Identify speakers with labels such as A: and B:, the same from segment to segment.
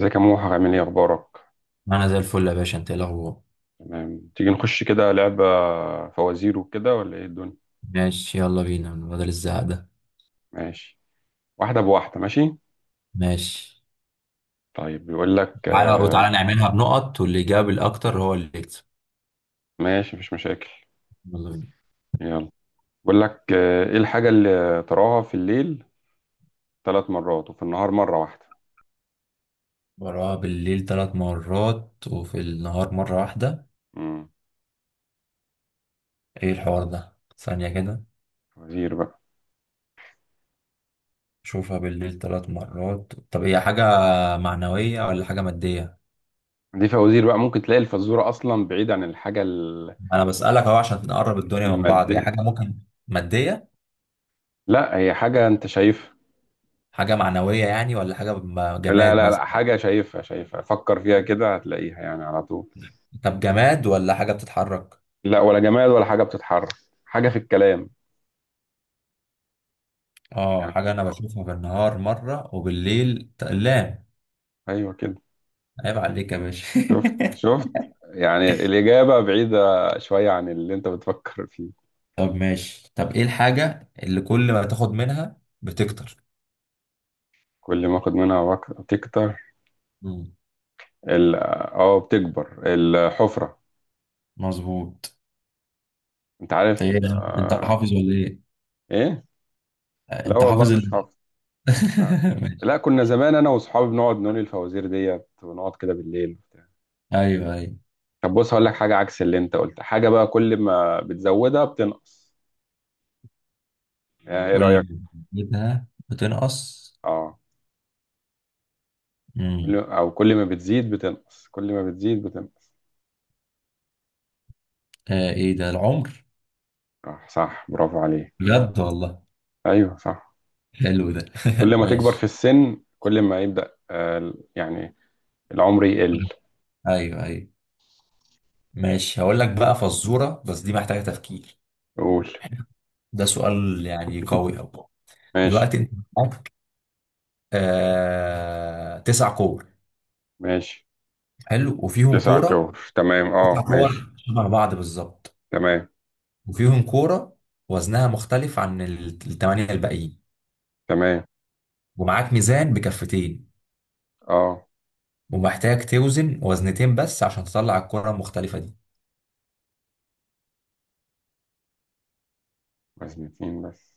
A: ازيك يا موحى، عامل ايه، اخبارك؟
B: انا زي الفل يا باشا، انت ايه الاخبار؟
A: تمام. تيجي نخش كده لعبة فوازير وكده ولا ايه الدنيا؟
B: ماشي يلا بينا من بدل الزهق ده.
A: ماشي. واحدة بواحدة، ماشي.
B: ماشي،
A: طيب، بيقول لك
B: تعالى وتعالى نعملها بنقط واللي جاب الاكتر هو اللي يكسب.
A: ماشي، مفيش مشاكل.
B: يلا بينا.
A: يلا. بيقول لك ايه الحاجة اللي تراها في الليل ثلاث مرات وفي النهار مرة واحدة؟
B: وراها بالليل 3 مرات وفي النهار مرة واحدة.
A: امم.
B: ايه الحوار ده؟ ثانية كده.
A: فوازير بقى.
B: شوفها بالليل 3 مرات، طب هي حاجة معنوية ولا حاجة مادية؟
A: دي فوازير بقى، ممكن تلاقي الفزورة اصلا بعيد عن الحاجة
B: انا بسألك اهو عشان نقرب الدنيا من بعض، هي
A: المادية.
B: حاجة ممكن مادية؟
A: لا، هي حاجة انت شايفها.
B: حاجة معنوية يعني ولا حاجة
A: لا
B: جماد
A: لا لا،
B: مثلا؟
A: حاجة شايفها شايفها، فكر فيها كده هتلاقيها يعني على طول.
B: طب جماد ولا حاجة بتتحرك؟
A: لا، ولا جماد ولا حاجة بتتحرك. حاجة في الكلام.
B: اه،
A: يعني
B: حاجة أنا
A: أه،
B: بشوفها بالنهار مرة وبالليل لا.
A: أيوه كده.
B: عيب عليك يا باشا.
A: شفت شفت، يعني الإجابة بعيدة شوية عن اللي أنت بتفكر فيه.
B: طب ماشي، طب إيه الحاجة اللي كل ما تاخد منها بتكتر؟
A: كل ما أخد منها وقت تكتر.
B: مم.
A: ال أه بتكبر الحفرة.
B: مظبوط.
A: أنت
B: أنت إيه
A: عارف
B: ده؟ أنت حافظ ولا إيه؟
A: إيه؟
B: آه،
A: لا
B: أنت
A: والله،
B: حافظ
A: مش
B: ال...
A: حافظ. لا.
B: ماشي.
A: لا كنا زمان أنا وأصحابي بنقعد نقول الفوازير ديت ونقعد كده بالليل وبتاع.
B: أيوه أيوه.
A: طب بص، هقول لك حاجة عكس اللي أنت قلت. حاجة بقى كل ما بتزودها بتنقص، يعني إيه
B: كل
A: رأيك؟
B: ما بتاخدها بتنقص.
A: أه.
B: مم.
A: كل ما بتزيد بتنقص، كل ما بتزيد بتنقص.
B: آه، إيه ده؟ العمر؟
A: صح صح، برافو عليه.
B: بجد والله،
A: ايوه صح.
B: حلو ده.
A: كل ما تكبر في
B: ماشي.
A: السن، كل ما يبدأ يعني العمر يقل.
B: أيوه أيوه. ماشي، هقول لك بقى فزورة بس دي محتاجة تفكير.
A: قول.
B: ده سؤال يعني قوي أوي.
A: ماشي.
B: دلوقتي انت معاك آه 9 كور.
A: ماشي.
B: حلو، وفيهم
A: تسعة
B: كوره.
A: كور، تمام
B: تسع
A: اه، ماشي.
B: كور شبه بعض بالظبط،
A: تمام.
B: وفيهم كوره وزنها مختلف عن 8 الباقيين.
A: تمام
B: ومعاك ميزان بكفتين،
A: اه.
B: ومحتاج توزن وزنتين بس عشان تطلع الكوره المختلفه دي.
A: وزن اتنين بس.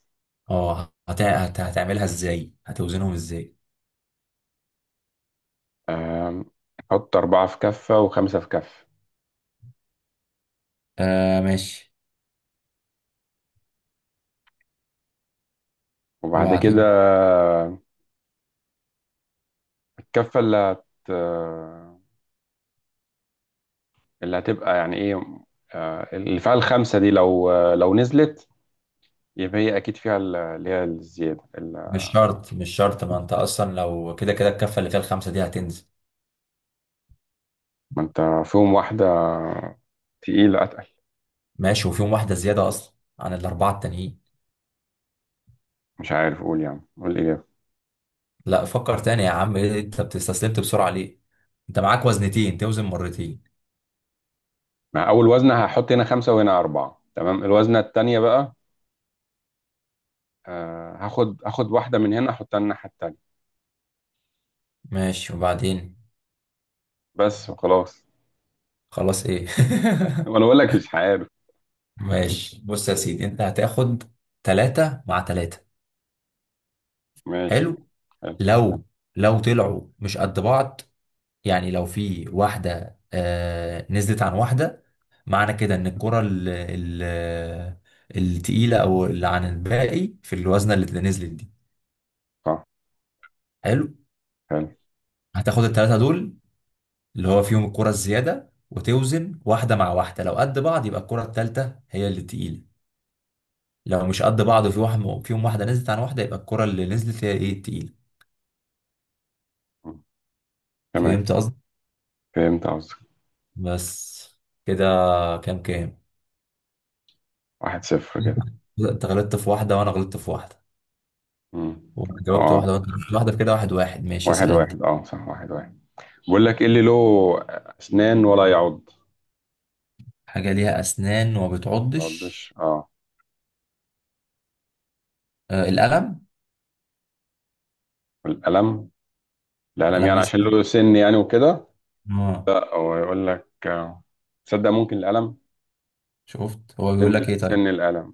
B: اه، هتعملها ازاي؟ هتوزنهم ازاي؟
A: آم، حط أربعة في كفة وخمسة في كفة،
B: آه ماشي،
A: وبعد كده
B: وبعدين؟
A: الكفة اللي اللي هتبقى يعني ايه، اللي فيها الخمسة دي لو لو نزلت، يبقى هي اكيد فيها اللي هي الزياده.
B: مش شرط مش شرط، ما انت اصلا لو كده كده الكفه اللي فيها الخمسه دي هتنزل.
A: ما انت فيهم واحده تقيله اتقل.
B: ماشي، وفيهم واحده زياده اصلا عن الاربعه التانيين.
A: مش عارف اقول، يعني قول الاجابه.
B: لا فكر تاني يا عم، إيه انت بتستسلمت بسرعة ليه؟ انت معاك وزنتين، توزن مرتين.
A: مع اول وزنه هحط هنا خمسه وهنا اربعه، تمام. الوزنه التانيه بقى، هاخد واحده من هنا احطها الناحيه التانيه،
B: ماشي، وبعدين؟
A: بس وخلاص.
B: خلاص ايه؟
A: وانا بقول لك مش عارف.
B: ماشي بص يا سيدي، انت هتاخد 3 مع 3.
A: ماشي.
B: حلو.
A: حلو.
B: لو لو طلعوا مش قد بعض، يعني لو في واحدة آه نزلت عن واحدة، معنى كده ان الكرة التقيلة او اللي عن الباقي في الوزنة اللي نزلت دي.
A: صح.
B: حلو.
A: حلو.
B: هتاخد التلاتة دول اللي هو فيهم الكرة الزيادة، وتوزن واحدة مع واحدة، لو قد بعض يبقى الكرة التالتة هي اللي تقيلة. لو مش قد بعض وفي واحد فيهم واحدة نزلت عن واحدة، يبقى الكرة اللي نزلت هي ايه، التقيلة.
A: مم. تمام.
B: فهمت قصدي؟
A: فهمت قصدك.
B: بس كده. كام كام؟
A: 1-0 كده.
B: انت غلطت في واحدة وانا غلطت في واحدة،
A: مم.
B: وجاوبت
A: اه.
B: واحدة وانت غلطت في واحدة، في كده 1-1. ماشي،
A: واحد
B: اسأل انت.
A: واحد اه صح، 1-1. بقول لك ايه اللي له اسنان ولا يعض؟
B: حاجة ليها أسنان وما
A: ما
B: بتعضش.
A: يعضش، اه.
B: آه، القلم.
A: والقلم. القلم
B: القلم
A: يعني
B: ليه
A: عشان
B: سنان؟
A: له سن يعني وكده.
B: اه.
A: لا، هو يقول لك تصدق ممكن القلم،
B: شفت هو بيقول لك ايه؟ طيب،
A: سن القلم.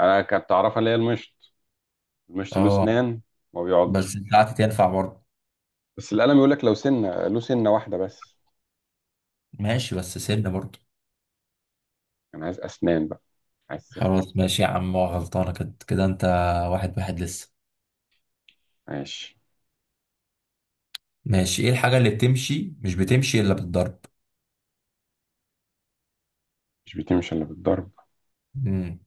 A: انا كنت اعرفها اللي هي المشط، المشط له
B: اه.
A: اسنان، ما
B: بس
A: بيقعدش.
B: بتاعتي تنفع برضه.
A: بس القلم يقول لك لو سنه له سنه واحده بس،
B: ماشي، بس سن برضه.
A: انا عايز اسنان بقى، عايز سن.
B: خلاص ماشي يا عم، هو غلطانة كده كده انت. واحد واحد لسه.
A: ماشي.
B: ماشي، ايه الحاجة اللي بتمشي مش بتمشي الا بالضرب؟
A: مش بتمشي الا بالضرب.
B: امم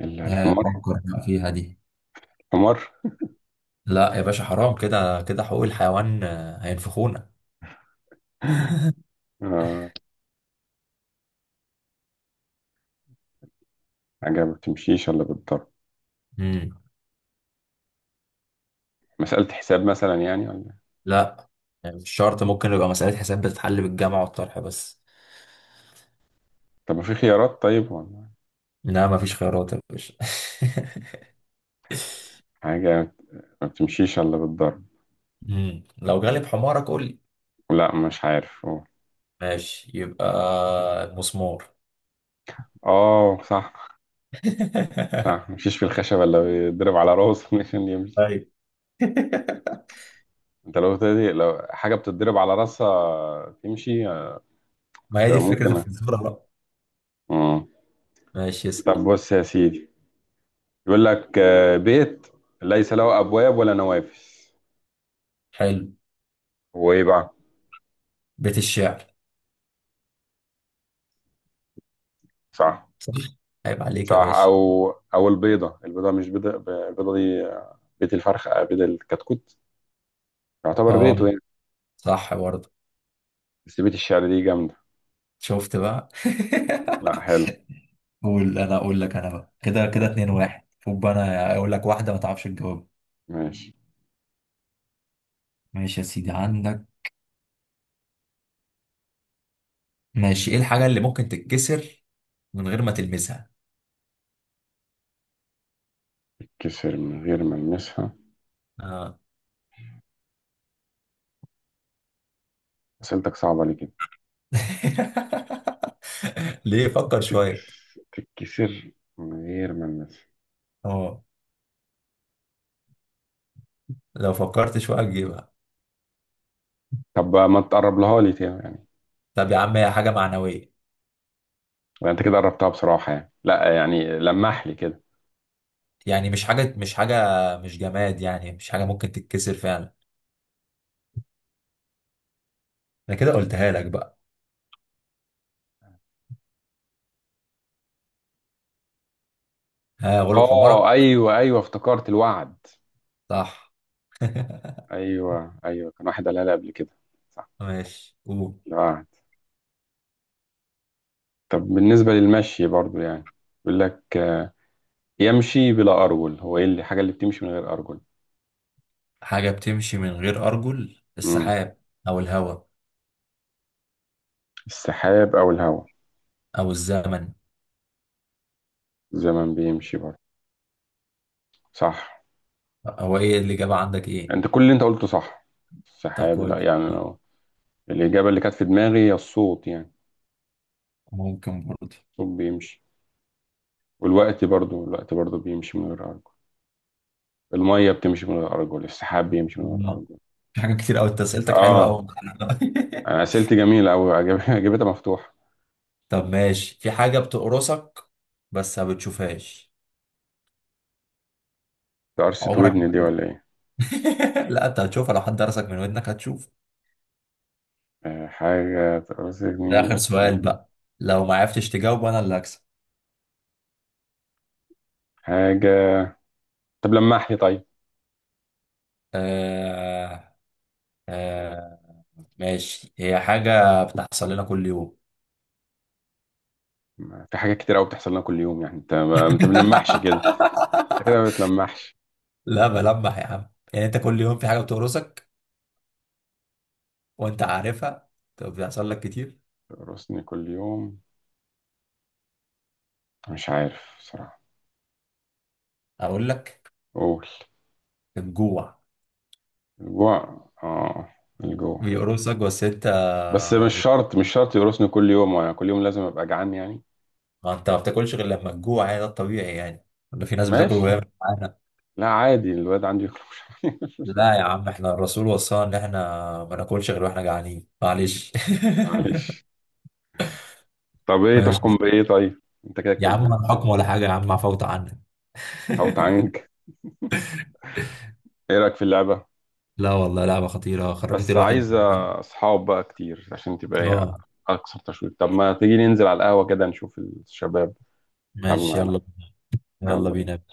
A: الا
B: ها،
A: الحمار.
B: فكر بقى فيها دي.
A: حمار.
B: لا يا باشا، حرام كده كده، حقوق الحيوان هينفخونا.
A: آه. حاجه ما بتمشيش الا بالضرب.
B: امم
A: مساله حساب مثلا يعني، ولا؟
B: لا، يعني مش شرط، ممكن يبقى مسألة حساب بتتحل بالجمع والطرح بس.
A: طب ما في خيارات طيب، ولا؟
B: لا مفيش خيارات يا باشا.
A: حاجه ما بتمشيش الا بالضرب.
B: لو غالب حمارك قول لي.
A: لا مش عارف، اه.
B: ماشي، يبقى المسمار.
A: صح. مفيش في الخشبة إلا بيتضرب على راسه عشان يمشي.
B: طيب،
A: أنت لو تدي لو حاجة بتتضرب على راسها تمشي
B: ما هي
A: طب
B: دي فكرة
A: ممكن.
B: الفزورة بقى.
A: مم.
B: ماشي
A: طب
B: اسأل.
A: بص يا سيدي، يقول لك بيت ليس له أبواب ولا نوافذ،
B: حلو،
A: هو إيه بقى؟
B: بيت الشعر.
A: صح.
B: صح. عيب عليك
A: صح.
B: يا باشا.
A: أو البيضة، البيضة مش بيضة، البيضة دي بيت الفرخ، بيت الكتكوت يعتبر
B: اه
A: بيته يعني.
B: صح برضه.
A: بس بيت الشعر دي جامدة.
B: شفت بقى.
A: لا حلو.
B: قول، انا اقول لك، انا بقى كده كده
A: مم.
B: 2-1، خد بقى انا اقول لك واحده ما تعرفش تجاوب.
A: ماشي.
B: ماشي يا سيدي عندك. ماشي، ايه الحاجه اللي ممكن تتكسر من غير ما تلمسها؟
A: كسر من غير ما يلمسها.
B: اه.
A: أسئلتك صعبة ليه كده؟
B: ليه، فكر شويه.
A: تتكسر من غير ما الناس.
B: اه، لو فكرت شويه تجيبها.
A: طب ما تقرب لها لي تاني يعني،
B: طب يا عم، هي حاجه معنويه
A: ولا انت كده قربتها بصراحة يعني، لا يعني لمح لي كده.
B: يعني، مش حاجه مش حاجه مش جماد يعني، مش حاجه ممكن تتكسر فعلا. انا كده قلتها لك بقى. ها، غلب حمارك.
A: اه ايوه ايوه، افتكرت الوعد.
B: صح.
A: ايوه ايوه كان واحد قالها لي قبل كده، صح.
B: ماشي قول.
A: الوعد. طب بالنسبة للمشي برضو يعني، بيقول لك يمشي بلا ارجل، هو ايه الحاجة اللي بتمشي من غير ارجل؟
B: حاجة بتمشي من غير أرجل؟
A: امم.
B: السحاب، أو الهواء،
A: السحاب او الهواء.
B: أو الزمن.
A: الزمن بيمشي برضو، صح.
B: هو إيه الإجابة عندك، إيه؟
A: انت كل اللي انت قلته صح.
B: طب
A: السحاب، لا
B: كويس.
A: يعني لو. الإجابة اللي كانت في دماغي هي الصوت يعني،
B: ممكن برضه.
A: الصوت بيمشي. والوقت برضو، الوقت برضو بيمشي من غير أرجل. المية بتمشي من غير أرجل، السحاب بيمشي من غير
B: مم.
A: أرجل.
B: في حاجة كتير أوي، أنت أسئلتك حلوة
A: آه.
B: أوي.
A: أنا أسئلتي جميلة أوي، أجيبتها مفتوحة.
B: طب ماشي، في حاجة بتقرصك بس ما بتشوفهاش.
A: تقرصة
B: عمرك ما
A: ودني دي
B: هتشوفها.
A: ولا إيه؟
B: لا أنت هتشوفها، لو حد درسك من ودنك هتشوف.
A: حاجة تقرصة
B: ده
A: ودني
B: آخر
A: بس.
B: سؤال بقى، لو ما عرفتش تجاوب أنا اللي هكسب.
A: حاجة. طب لمح لي طيب.
B: آه... آه ماشي، هي حاجة بتحصل لنا كل يوم.
A: في حاجات كتير أوي بتحصل لنا كل يوم يعني، أنت ما أنت بتلمحش كده. أنت كده ما بتلمحش.
B: لا بلمح يا عم، يعني انت كل يوم في حاجة بتقرصك وانت عارفها، طب بيحصل لك كتير.
A: تقرصني كل يوم، مش عارف بصراحة.
B: اقول لك،
A: قول.
B: الجوع.
A: الجوع، آه. الجوع.
B: بيقرصك بس انت.
A: بس مش
B: بت-
A: شرط مش شرط يقرصني كل يوم وأنا كل يوم لازم أبقى جعان يعني.
B: ما انت ما بتاكلش غير لما تجوع، يعني ده الطبيعي يعني، ولا في ناس بتاكل
A: ماشي.
B: وهي مش جعانة؟
A: لا عادي، الواد عندي يخرج مش
B: لا
A: مشاكل.
B: يا عم، احنا الرسول وصانا ان احنا ما ناكلش غير واحنا جعانين. معلش.
A: معلش. طب ايه
B: ماشي
A: تحكم بايه طيب؟ انت كده
B: يا عم
A: كسبان.
B: الحكم ولا حاجة يا عم، عفوت عنك.
A: او تعانج. ايه رايك في اللعبه؟
B: لا والله لعبة خطيرة، خرجت
A: بس
B: الواحد.
A: عايزه اصحاب بقى كتير عشان تبقى ايه،
B: اه
A: اكثر تشويق. طب ما تيجي ننزل على القهوه كده نشوف الشباب يلعبوا
B: ماشي،
A: معانا.
B: يلا، يلا
A: يلا
B: بينا.
A: بينا.